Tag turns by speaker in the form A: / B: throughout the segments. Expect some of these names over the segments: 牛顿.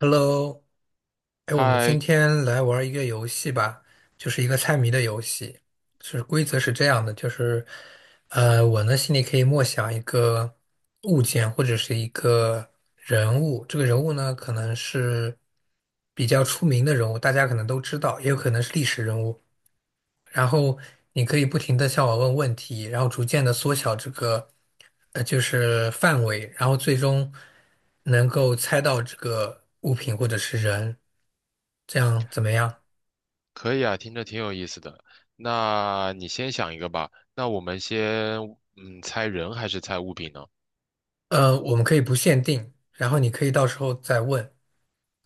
A: Hello，哎，我们今
B: 嗨，
A: 天来玩一个游戏吧，就是一个猜谜的游戏。是规则是这样的，就是我呢心里可以默想一个物件或者是一个人物，这个人物呢可能是比较出名的人物，大家可能都知道，也有可能是历史人物。然后你可以不停的向我问问题，然后逐渐的缩小这个就是范围，然后最终能够猜到这个物品或者是人，这样怎么样？
B: 可以啊，听着挺有意思的。那你先想一个吧。那我们先，猜人还是猜物品呢？
A: 我们可以不限定，然后你可以到时候再问，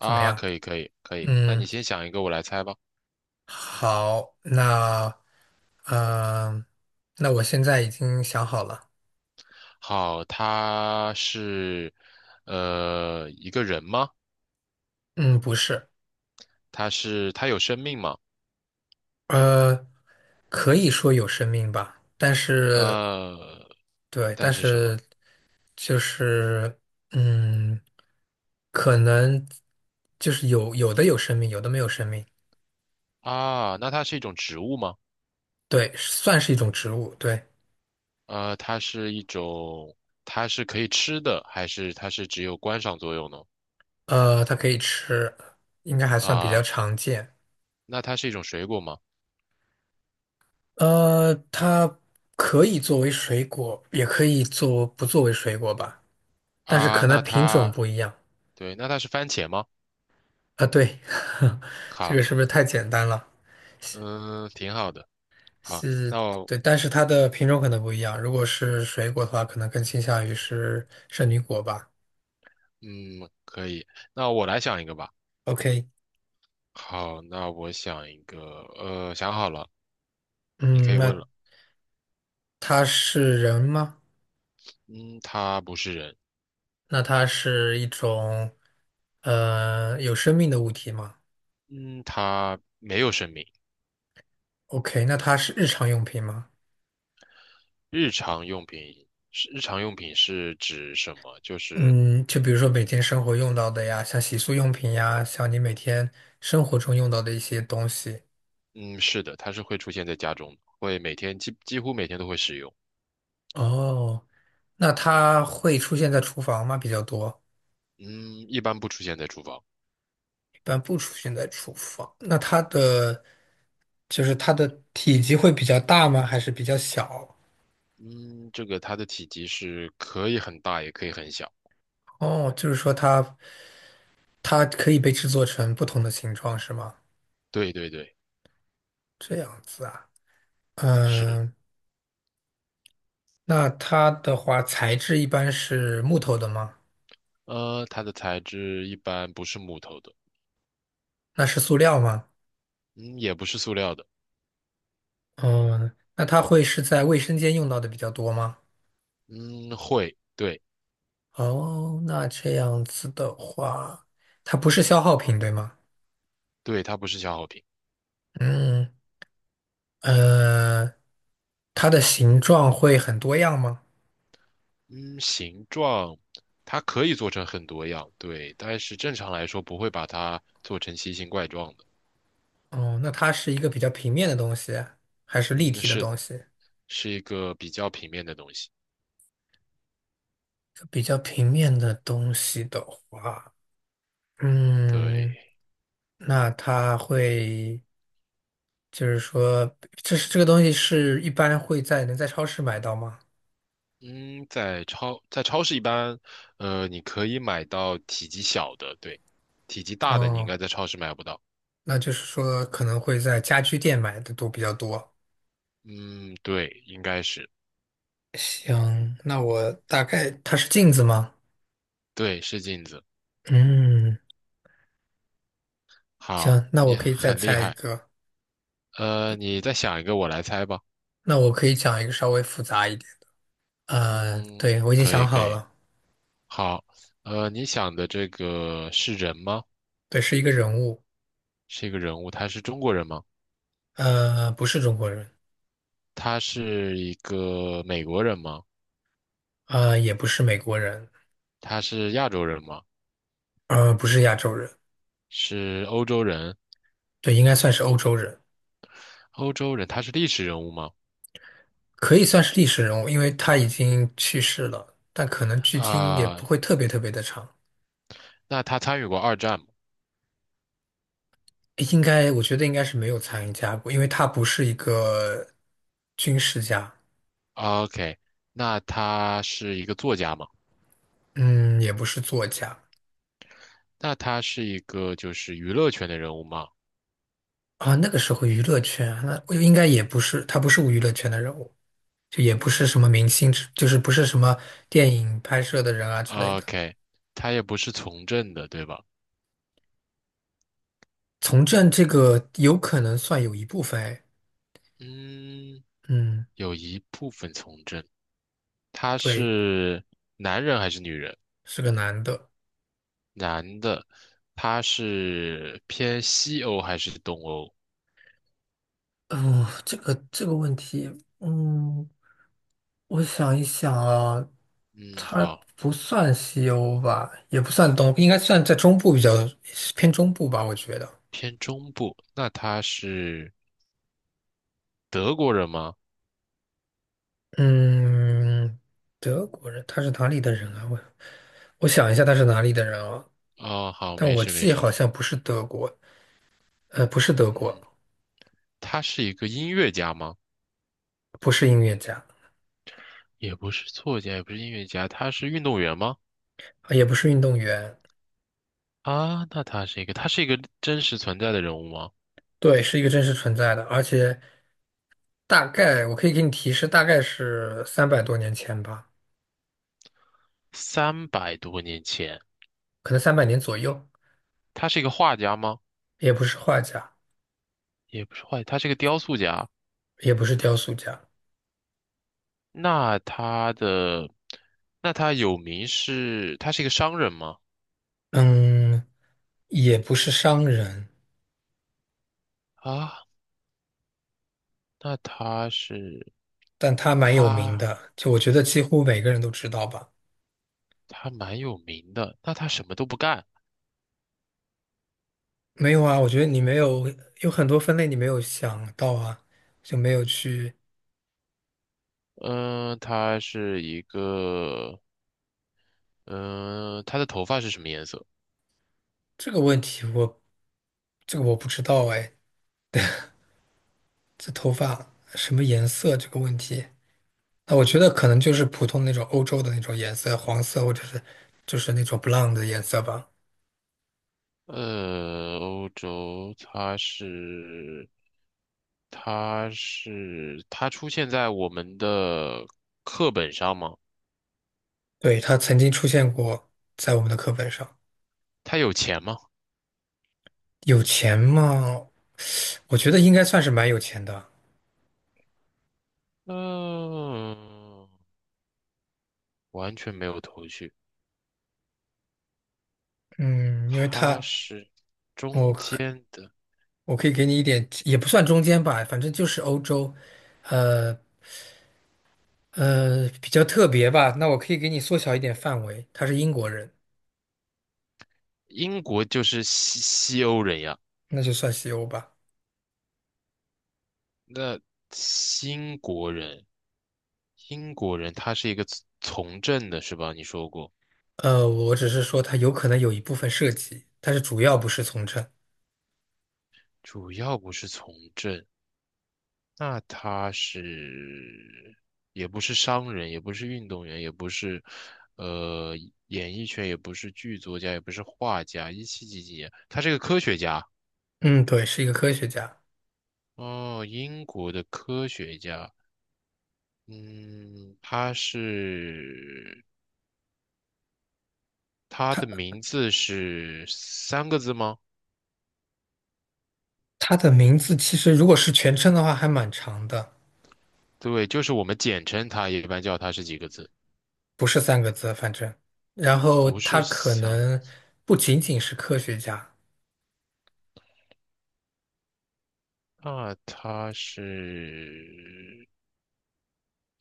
A: 怎么样？
B: 可以，可以，可以。那
A: 嗯，
B: 你先想一个，我来猜吧。
A: 好，嗯、呃那我现在已经想好了。
B: 好，他是，一个人吗？
A: 嗯，不是。
B: 他有生命吗？
A: 呃，可以说有生命吧，但是
B: 呃，
A: 对。
B: 但
A: 但
B: 是什么？
A: 是就是嗯，可能就是有的有生命，有的没有生命。
B: 啊，那它是一种植物吗？
A: 对，算是一种植物。对，
B: 它是一种，它是可以吃的，还是它是只有观赏作用呢？
A: 它可以吃，应该还算比较
B: 啊，
A: 常见。
B: 那它是一种水果吗？
A: 它可以作为水果，也可以做不作为水果吧，但是
B: 啊，
A: 可能品种不一样
B: 对，那它是番茄吗？
A: 啊。对，这个是
B: 好，
A: 不是太简单了？
B: 嗯，挺好的。好，
A: 是，
B: 那我，
A: 对，但是它的品种可能不一样。如果是水果的话，可能更倾向于是圣女果吧。
B: 嗯，可以。那我来想一个吧。
A: OK，
B: 好，那我想一个，想好了，你可
A: 嗯，
B: 以问
A: 那
B: 了。
A: 它是人吗？
B: 嗯，它不是人，
A: 那它是一种有生命的物体吗
B: 嗯，它没有生命。
A: ？OK，那它是日常用品吗？
B: 日常用品是指什么？就是，
A: 嗯，就比如说每天生活用到的呀，像洗漱用品呀，像你每天生活中用到的一些东西。
B: 嗯，是的，它是会出现在家中的会每天几几乎每天都会使用。
A: 哦，那它会出现在厨房吗？比较多。
B: 嗯，一般不出现在厨房。
A: 一般不出现在厨房。那它的就是它的体积会比较大吗？还是比较小？
B: 嗯，这个它的体积是可以很大，也可以很小。
A: 哦，就是说它可以被制作成不同的形状，是吗？
B: 对对对，
A: 这样子啊。
B: 是。
A: 嗯，那它的话材质一般是木头的吗？
B: 它的材质一般不是木头的，
A: 那是塑料吗？
B: 嗯，也不是塑料的，
A: 哦，那它会是在卫生间用到的比较多吗？
B: 嗯，会，对
A: 哦，那这样子的话，它不是消耗品，对吗？
B: 对，它不是消耗品。
A: 嗯，呃，它的形状会很多样吗？
B: 嗯，形状它可以做成很多样，对，但是正常来说不会把它做成奇形怪状的。
A: 哦，那它是一个比较平面的东西，还是立
B: 嗯，
A: 体的
B: 是的，
A: 东西？
B: 是一个比较平面的东西。
A: 比较平面的东西的话，
B: 对，
A: 嗯，那它会，就是说，这个东西是一般会在能在超市买到吗？
B: 嗯，在超市一般，你可以买到体积小的，对，体积大的你应
A: 哦。
B: 该在超市买不到。
A: 那就是说可能会在家居店买的都比较多。
B: 嗯，对，应该是，
A: 行，那我大概它是镜子吗？
B: 对，是镜子。
A: 嗯，
B: 好，
A: 行，那我
B: 你
A: 可以再
B: 很厉
A: 猜一
B: 害。
A: 个。
B: 你再想一个，我来猜吧。
A: 那我可以讲一个稍微复杂一点。
B: 嗯，
A: 对，我已经
B: 可以，
A: 想
B: 可
A: 好
B: 以。
A: 了。
B: 好，你想的这个是人吗？
A: 对，是一个人物。
B: 是一个人物，他是中国人吗？
A: 不是中国人。
B: 他是一个美国人吗？
A: 也不是美国人。
B: 他是亚洲人吗？
A: 不是亚洲人。
B: 是欧洲人？
A: 对，应该算是欧洲人。
B: 欧洲人，他是历史人物吗？
A: 可以算是历史人物，因为他已经去世了，但可能距今也
B: 啊，
A: 不会特别特别的长。
B: 那他参与过二战吗
A: 应该，我觉得应该是没有参加过，因为他不是一个军事家。
B: ？OK，那他是一个作家吗？
A: 嗯，也不是作家
B: 那他是一个就是娱乐圈的人物吗？
A: 啊。那个时候娱乐圈啊，那我应该也不是，他不是娱乐圈的人物，就也不是什
B: 嗯
A: 么明星之，就是不是什么电影拍摄的人啊之类的。
B: ，OK，他也不是从政的，对吧？
A: 从政这个有可能算有一部分。
B: 嗯，
A: 嗯，
B: 有一部分从政。他
A: 对，
B: 是女人，
A: 是个男的。
B: 男的，他是偏西欧还是东欧？
A: 嗯，这个问题，嗯，我想一想啊，
B: 嗯，
A: 它
B: 好，
A: 不算西欧吧，也不算东，应该算在中部比较偏中部吧，我觉得。
B: 偏中部。那他是德国人吗？
A: 嗯，德国人，他是哪里的人啊？我想一下，他是哪里的人啊？
B: 哦，好，
A: 但
B: 没
A: 我
B: 事没
A: 记
B: 事。
A: 好像不是德国。不是德国。
B: 嗯。他是一个音乐家吗？
A: 不是音乐家。
B: 也不是作家，也不是音乐家，他是运动员吗？
A: 啊也不是运动员。
B: 啊，那他是一个，他是一个真实存在的人物吗？
A: 对，是一个真实存在的，而且大概我可以给你提示，大概是300多年前吧。
B: 300多年前，
A: 可能300年左右。
B: 他是一个画家吗？
A: 也不是画家。
B: 也不是画家，他是一个雕塑家。
A: 也不是雕塑家。
B: 那他的，那他有名是，他是一个商人吗？
A: 嗯，也不是商人。
B: 啊，那他是，
A: 但他蛮有名
B: 他
A: 的，就我觉得几乎每个人都知道吧。
B: 他蛮有名的，那他什么都不干。
A: 没有啊，我觉得你没有，有很多分类你没有想到啊，就没有去
B: 嗯、他是一个，嗯、他的头发是什么颜色？
A: 这个问题我，这个我不知道哎，这头发什么颜色这个问题，那我觉得可能就是普通那种欧洲的那种颜色，黄色或者是就是那种 blonde 的颜色吧。
B: 欧洲，它出现在我们的课本上吗？
A: 对，他曾经出现过在我们的课本上。
B: 它有钱吗？
A: 有钱吗？我觉得应该算是蛮有钱的。
B: 嗯、完全没有头绪。
A: 嗯，因为
B: 它
A: 他，
B: 是
A: 我
B: 中
A: 可
B: 间的，
A: 我可以给你一点，也不算中间吧，反正就是欧洲。呃比较特别吧。那我可以给你缩小一点范围，他是英国人。
B: 英国就是西欧人呀。
A: 那就算西欧吧。
B: 那新国人，英国人他是一个从政的，是吧？你说过，
A: 我只是说他有可能有一部分涉及，但是主要不是从政。
B: 主要不是从政。那他是也不是商人，也不是运动员，也不是呃演艺圈，也不是剧作家，也不是画家。一七几几年，他是个科学家
A: 嗯，对，是一个科学家。
B: 哦，英国的科学家。嗯，他的名字是3个字吗？
A: 他的名字其实如果是全称的话，还蛮长的。
B: 对，就是我们简称他，也一般叫他是几个字，
A: 不是三个字，反正，然后
B: 不
A: 他
B: 是
A: 可
B: 三个。
A: 能不仅仅是科学家。
B: 那他是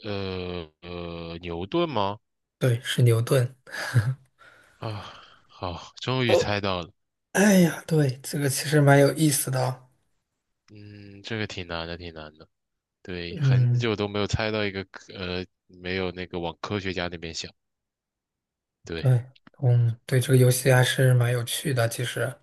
B: 牛顿吗？
A: 对，是牛顿。
B: 啊，好，终于猜
A: 哦，
B: 到了。
A: 哎呀，对，这个其实蛮有意思的哦。
B: 嗯，这个挺难的，挺难的。对，很
A: 嗯，
B: 久都没有猜到一个科呃，没有那个往科学家那边想。对，
A: 对，嗯，对，这个游戏还是蛮有趣的，其实。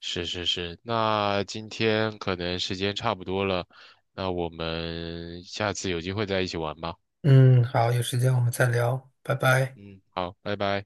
B: 是是是。那今天可能时间差不多了，那我们下次有机会再一起玩吧。
A: 嗯，好，有时间我们再聊，拜拜。
B: 嗯，好，拜拜。